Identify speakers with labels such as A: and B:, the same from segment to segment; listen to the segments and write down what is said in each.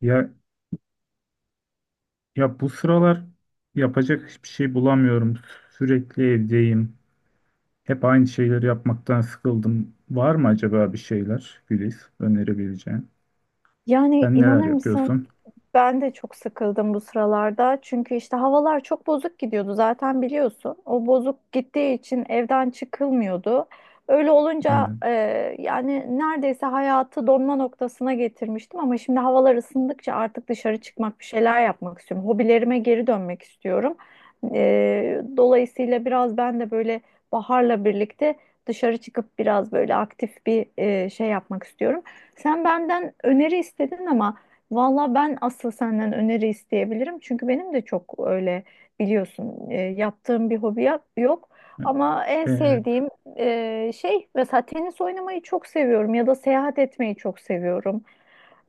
A: Ya ya, bu sıralar yapacak hiçbir şey bulamıyorum. Sürekli evdeyim. Hep aynı şeyleri yapmaktan sıkıldım. Var mı acaba bir şeyler Güliz önerebileceğin?
B: Yani
A: Sen neler
B: inanır mısın
A: yapıyorsun?
B: ben de çok sıkıldım bu sıralarda. Çünkü işte havalar çok bozuk gidiyordu zaten biliyorsun. O bozuk gittiği için evden çıkılmıyordu. Öyle olunca
A: Evet.
B: yani neredeyse hayatı donma noktasına getirmiştim ama şimdi havalar ısındıkça artık dışarı çıkmak, bir şeyler yapmak istiyorum. Hobilerime geri dönmek istiyorum. Dolayısıyla biraz ben de böyle baharla birlikte dışarı çıkıp biraz böyle aktif bir şey yapmak istiyorum. Sen benden öneri istedin ama valla ben asıl senden öneri isteyebilirim. Çünkü benim de çok öyle biliyorsun yaptığım bir yok. Ama en
A: Evet.
B: sevdiğim şey mesela tenis oynamayı çok seviyorum ya da seyahat etmeyi çok seviyorum.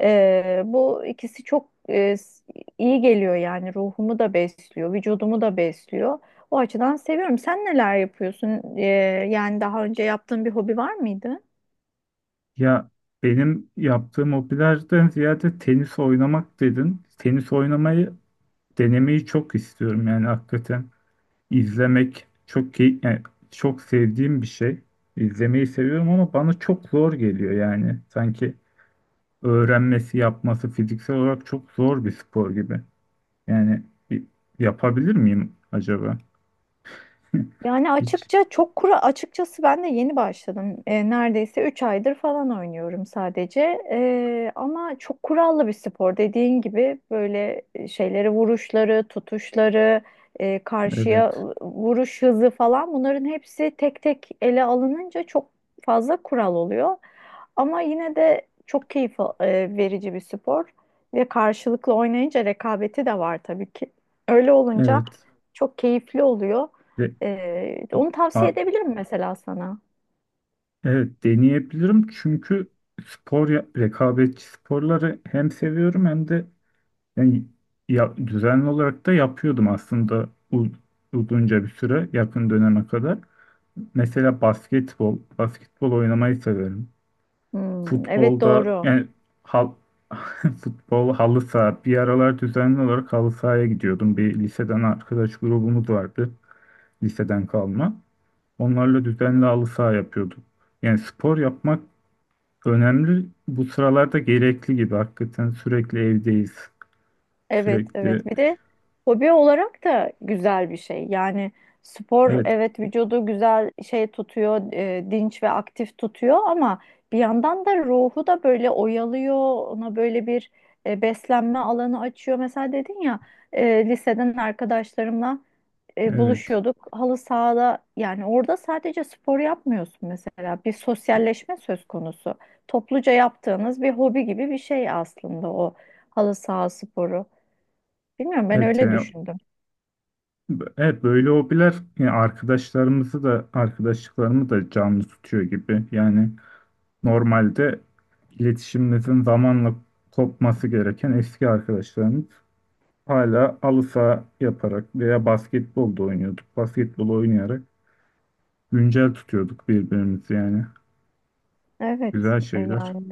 B: Bu ikisi çok iyi geliyor yani ruhumu da besliyor, vücudumu da besliyor. O açıdan seviyorum. Sen neler yapıyorsun? Yani daha önce yaptığın bir hobi var mıydı?
A: Ya benim yaptığım hobilerden ziyade tenis oynamak dedin. Tenis oynamayı denemeyi çok istiyorum. Yani hakikaten izlemek çok key yani çok sevdiğim bir şey. İzlemeyi seviyorum ama bana çok zor geliyor yani. Sanki öğrenmesi, yapması fiziksel olarak çok zor bir spor gibi. Yani bir- yapabilir miyim acaba?
B: Yani
A: Hiç.
B: açıkça çok kuru açıkçası ben de yeni başladım. Neredeyse 3 aydır falan oynuyorum sadece. Ama çok kurallı bir spor dediğin gibi böyle şeyleri vuruşları, tutuşları, karşıya
A: Evet.
B: vuruş hızı falan bunların hepsi tek tek ele alınınca çok fazla kural oluyor. Ama yine de çok keyif verici bir spor ve karşılıklı oynayınca rekabeti de var tabii ki. Öyle olunca
A: Evet.
B: çok keyifli oluyor.
A: Ve,
B: Onu tavsiye
A: a-
B: edebilirim mesela sana.
A: evet deneyebilirim çünkü spor rekabetçi sporları hem seviyorum hem de yani ya, düzenli olarak da yapıyordum aslında uzunca bir süre yakın döneme kadar. Mesela basketbol oynamayı severim.
B: Hmm, evet
A: Futbolda
B: doğru.
A: yani hal, futbol halı saha bir aralar düzenli olarak halı sahaya gidiyordum. Bir liseden arkadaş grubumuz vardı. Liseden kalma. Onlarla düzenli halı saha yapıyordum. Yani spor yapmak önemli. Bu sıralarda gerekli gibi. Hakikaten sürekli evdeyiz.
B: Evet,
A: Sürekli
B: evet. Bir de hobi olarak da güzel bir şey. Yani spor
A: evet
B: evet vücudu güzel şey tutuyor, dinç ve aktif tutuyor ama bir yandan da ruhu da böyle oyalıyor. Ona böyle bir beslenme alanı açıyor. Mesela dedin ya liseden arkadaşlarımla
A: evet
B: buluşuyorduk. Halı sahada yani orada sadece spor yapmıyorsun mesela. Bir sosyalleşme söz konusu. Topluca yaptığınız bir hobi gibi bir şey aslında o halı saha sporu. Bilmiyorum ben
A: evet
B: öyle
A: yani
B: düşündüm.
A: evet böyle hobiler yani arkadaşlarımızı da arkadaşlıklarımı da canlı tutuyor gibi. Yani normalde iletişimimizin zamanla kopması gereken eski arkadaşlarımız hala halı saha yaparak veya basketbolda oynuyorduk. Basketbol oynayarak güncel tutuyorduk birbirimizi yani.
B: Evet
A: Güzel şeyler.
B: yani.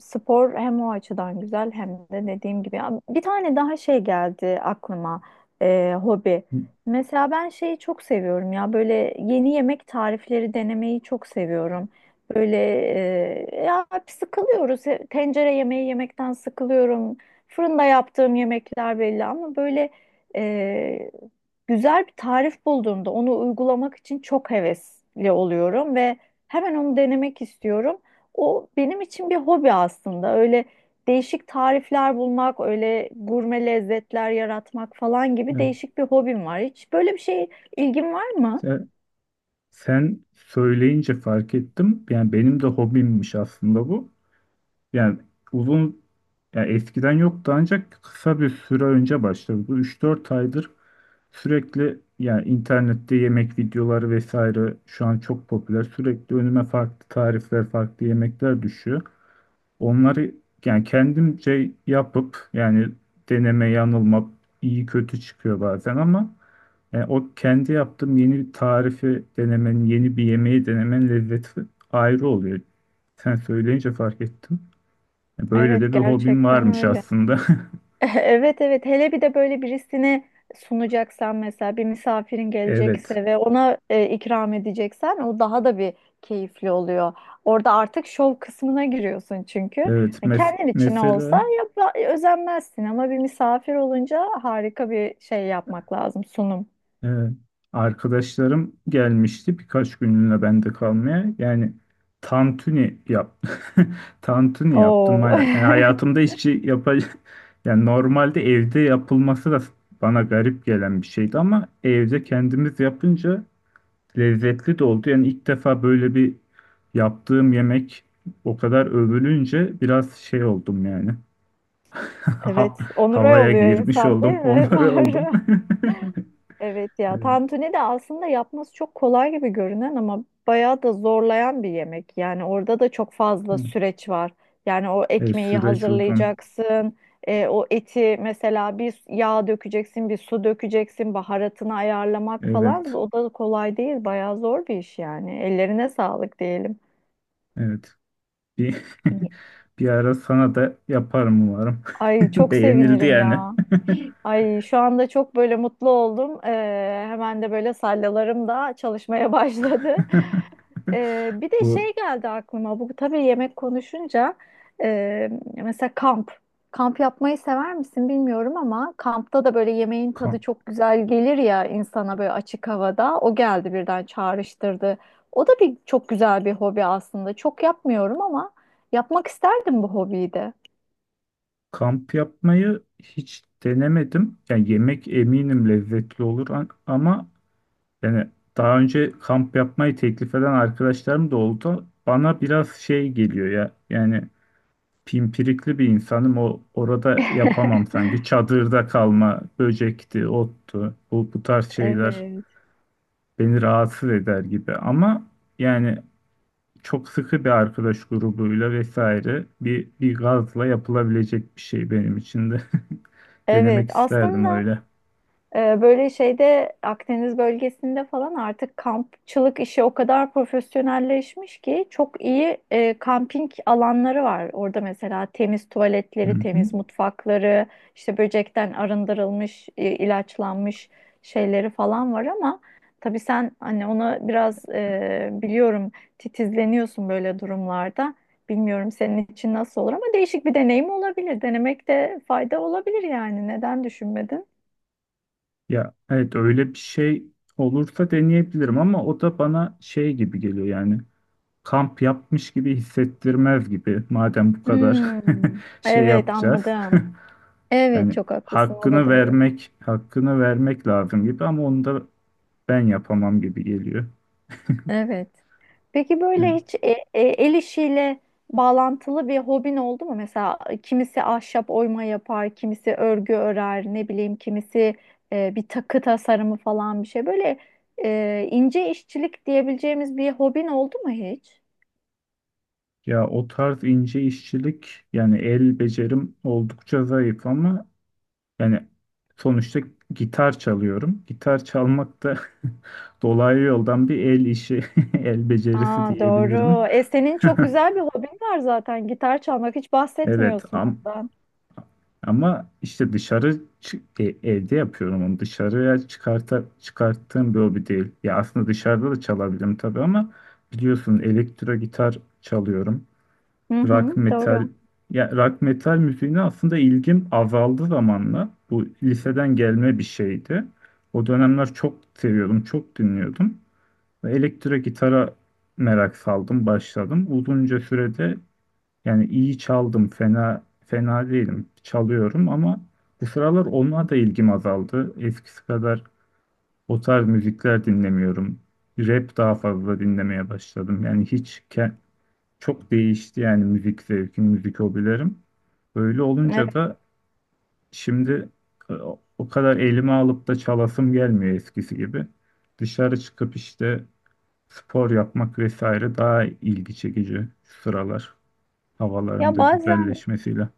B: Spor hem o açıdan güzel hem de dediğim gibi. Ya bir tane daha şey geldi aklıma hobi. Mesela ben şeyi çok seviyorum ya böyle yeni yemek tarifleri denemeyi çok seviyorum. Böyle ya sıkılıyoruz. Tencere yemeği yemekten sıkılıyorum. Fırında yaptığım yemekler belli ama böyle e, güzel bir tarif bulduğumda onu uygulamak için çok hevesli oluyorum ve hemen onu denemek istiyorum. O benim için bir hobi aslında. Öyle değişik tarifler bulmak, öyle gurme lezzetler yaratmak falan gibi
A: Evet.
B: değişik bir hobim var. Hiç böyle bir şey ilgin var mı?
A: Sen, sen söyleyince fark ettim. Yani benim de hobimmiş aslında bu. Yani uzun yani eskiden yoktu ancak kısa bir süre önce başladı. Bu üç dört aydır sürekli yani internette yemek videoları vesaire şu an çok popüler. Sürekli önüme farklı tarifler, farklı yemekler düşüyor. Onları yani kendimce yapıp yani deneme yanılma iyi kötü çıkıyor bazen ama yani o kendi yaptığım yeni bir tarifi denemenin, yeni bir yemeği denemenin lezzeti ayrı oluyor. Sen söyleyince fark ettim. Böyle de
B: Evet,
A: bir hobim
B: gerçekten
A: varmış
B: öyle.
A: aslında.
B: Evet evet hele bir de böyle birisine sunacaksan mesela bir misafirin
A: Evet.
B: gelecekse ve ona ikram edeceksen o daha da bir keyifli oluyor. Orada artık şov kısmına giriyorsun çünkü.
A: Evet.
B: Hani kendin için olsa
A: Mesela
B: yap özenmezsin ama bir misafir olunca harika bir şey yapmak lazım sunum.
A: evet. Arkadaşlarım gelmişti birkaç günlüğüne bende kalmaya. Yani tantuni yap tantuni yaptım.
B: Oo.
A: Yani hayatımda hiç yapacak yani normalde evde yapılması da bana garip gelen bir şeydi ama evde kendimiz yapınca lezzetli de oldu. Yani ilk defa böyle bir yaptığım yemek o kadar övülünce biraz şey oldum yani.
B: Evet,
A: Ha-
B: onur
A: havaya
B: oluyor
A: girmiş
B: insan değil
A: oldum,
B: mi?
A: onları oldum.
B: Doğru. Evet ya tantuni de aslında yapması çok kolay gibi görünen ama bayağı da zorlayan bir yemek. Yani orada da çok fazla
A: Evet.
B: süreç var. Yani o
A: E,
B: ekmeği
A: süreç uzun.
B: hazırlayacaksın, o eti mesela bir yağ dökeceksin, bir su dökeceksin, baharatını ayarlamak falan
A: Evet.
B: o da kolay değil, bayağı zor bir iş yani. Ellerine sağlık diyelim.
A: Evet. Bir, bir ara sana da yaparım umarım.
B: Ay çok
A: Beğenildi
B: sevinirim
A: yani.
B: ya. Ay şu anda çok böyle mutlu oldum. Hemen de böyle sallalarım da çalışmaya başladı. Bir de
A: Bu
B: şey geldi aklıma bu tabii yemek konuşunca e, mesela kamp. Kamp yapmayı sever misin bilmiyorum ama kampta da böyle yemeğin tadı
A: kamp,
B: çok güzel gelir ya insana böyle açık havada. O geldi birden çağrıştırdı. O da bir çok güzel bir hobi aslında. Çok yapmıyorum ama yapmak isterdim bu hobiyi de.
A: kamp yapmayı hiç denemedim. Yani yemek eminim lezzetli olur ama yani daha önce kamp yapmayı teklif eden arkadaşlarım da oldu. Bana biraz şey geliyor ya. Yani pimpirikli bir insanım. O orada yapamam sanki. Çadırda kalma, böcekti, ottu, bu tarz şeyler
B: Evet.
A: beni rahatsız eder gibi ama yani çok sıkı bir arkadaş grubuyla vesaire bir gazla yapılabilecek bir şey benim için de
B: Evet,
A: denemek isterdim
B: aslında.
A: öyle.
B: Böyle şeyde Akdeniz bölgesinde falan artık kampçılık işi o kadar profesyonelleşmiş ki çok iyi kamping alanları var. Orada mesela temiz
A: Hı
B: tuvaletleri,
A: hı.
B: temiz mutfakları, işte böcekten arındırılmış, ilaçlanmış şeyleri falan var ama tabii sen hani ona biraz biliyorum titizleniyorsun böyle durumlarda. Bilmiyorum senin için nasıl olur ama değişik bir deneyim olabilir. Denemekte fayda olabilir yani. Neden düşünmedin?
A: Ya evet öyle bir şey olursa deneyebilirim ama o da bana şey gibi geliyor yani kamp yapmış gibi hissettirmez gibi madem bu kadar
B: Hmm,
A: şey
B: evet
A: yapacağız.
B: anladım. Evet
A: Yani
B: çok haklısın o da
A: hakkını
B: doğru.
A: vermek, hakkını vermek lazım gibi ama onu da ben yapamam gibi geliyor.
B: Evet. Peki böyle
A: Hı.
B: hiç el işiyle bağlantılı bir hobin oldu mu? Mesela kimisi ahşap oyma yapar, kimisi örgü örer, ne bileyim kimisi bir takı tasarımı falan bir şey. Böyle ince işçilik diyebileceğimiz bir hobin oldu mu hiç?
A: Ya o tarz ince işçilik yani el becerim oldukça zayıf ama yani sonuçta gitar çalıyorum. Gitar çalmak da dolaylı yoldan bir el işi, el becerisi
B: Aa,
A: diyebilirim.
B: doğru. E, senin çok güzel bir hobin var zaten gitar çalmak. Hiç
A: Evet,
B: bahsetmiyorsun
A: am-
B: bundan.
A: Ama işte evde yapıyorum onu. Çıkarttığım bir hobi değil. Ya aslında dışarıda da çalabilirim tabii ama biliyorsun elektro gitar çalıyorum.
B: Hı
A: Rock
B: hı,
A: metal
B: doğru.
A: ya rock metal müziğine aslında ilgim azaldı zamanla. Bu liseden gelme bir şeydi. O dönemler çok seviyordum, çok dinliyordum. Ve elektro gitara merak saldım, başladım. Uzunca sürede yani iyi çaldım, fena değilim. Çalıyorum ama bu sıralar ona da ilgim azaldı. Eskisi kadar o tarz müzikler dinlemiyorum. Rap daha fazla dinlemeye başladım. Yani çok değişti yani müzik zevkim, müzik hobilerim. Böyle
B: Evet.
A: olunca da şimdi e, o kadar elime alıp da çalasım gelmiyor eskisi gibi. Dışarı çıkıp işte spor yapmak vesaire daha ilgi çekici şu sıralar
B: Ya
A: havaların da
B: bazen
A: güzelleşmesiyle.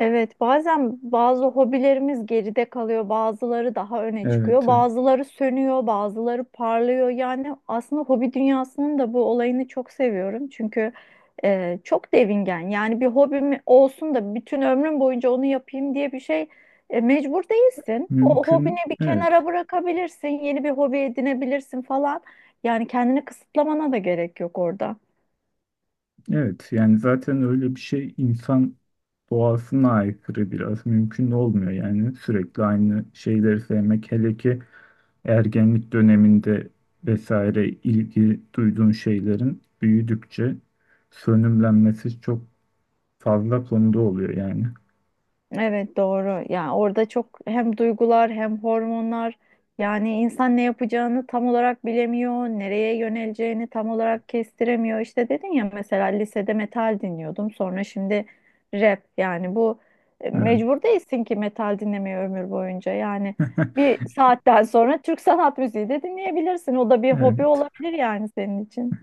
B: evet, bazen bazı hobilerimiz geride kalıyor, bazıları daha öne çıkıyor,
A: Evet, evet.
B: bazıları sönüyor, bazıları parlıyor. Yani aslında hobi dünyasının da bu olayını çok seviyorum. Çünkü çok devingen. Yani bir hobim olsun da bütün ömrüm boyunca onu yapayım diye bir şey mecbur değilsin. O hobini
A: Mümkün.
B: bir kenara
A: Evet,
B: bırakabilirsin, yeni bir hobi edinebilirsin falan. Yani kendini kısıtlamana da gerek yok orada.
A: evet. Yani zaten öyle bir şey insan doğasına aykırı biraz mümkün olmuyor. Yani sürekli aynı şeyleri sevmek, hele ki ergenlik döneminde vesaire ilgi duyduğun şeylerin büyüdükçe sönümlenmesi çok fazla konuda oluyor yani.
B: Evet doğru. Yani orada çok hem duygular hem hormonlar yani insan ne yapacağını tam olarak bilemiyor, nereye yöneleceğini tam olarak kestiremiyor. İşte dedin ya mesela lisede metal dinliyordum. Sonra şimdi rap yani bu
A: Evet,
B: mecbur değilsin ki metal dinlemeye ömür boyunca. Yani bir saatten sonra Türk sanat müziği de dinleyebilirsin. O da bir hobi olabilir yani senin için.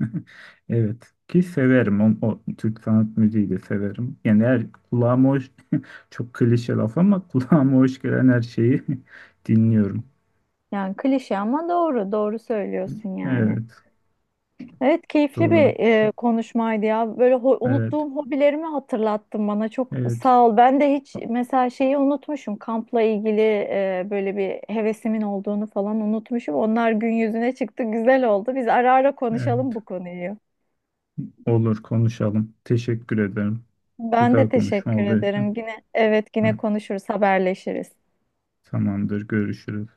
A: evet. Evet ki severim o Türk sanat müziği de severim. Yani her kulağıma hoş çok klişe laf ama kulağıma hoş gelen her şeyi dinliyorum.
B: Yani klişe ama doğru, doğru söylüyorsun yani.
A: Evet
B: Evet keyifli
A: doğru.
B: bir konuşmaydı ya. Böyle
A: Evet
B: unuttuğum hobilerimi hatırlattın bana. Çok
A: evet
B: sağ ol. Ben de hiç mesela şeyi unutmuşum. Kampla ilgili böyle bir hevesimin olduğunu falan unutmuşum. Onlar gün yüzüne çıktı. Güzel oldu. Biz ara ara
A: evet
B: konuşalım bu konuyu.
A: olur konuşalım. Teşekkür ederim.
B: Ben de
A: Güzel konuşma
B: teşekkür
A: oldu.
B: ederim. Yine evet yine
A: Tamam-
B: konuşuruz, haberleşiriz.
A: Tamamdır, görüşürüz.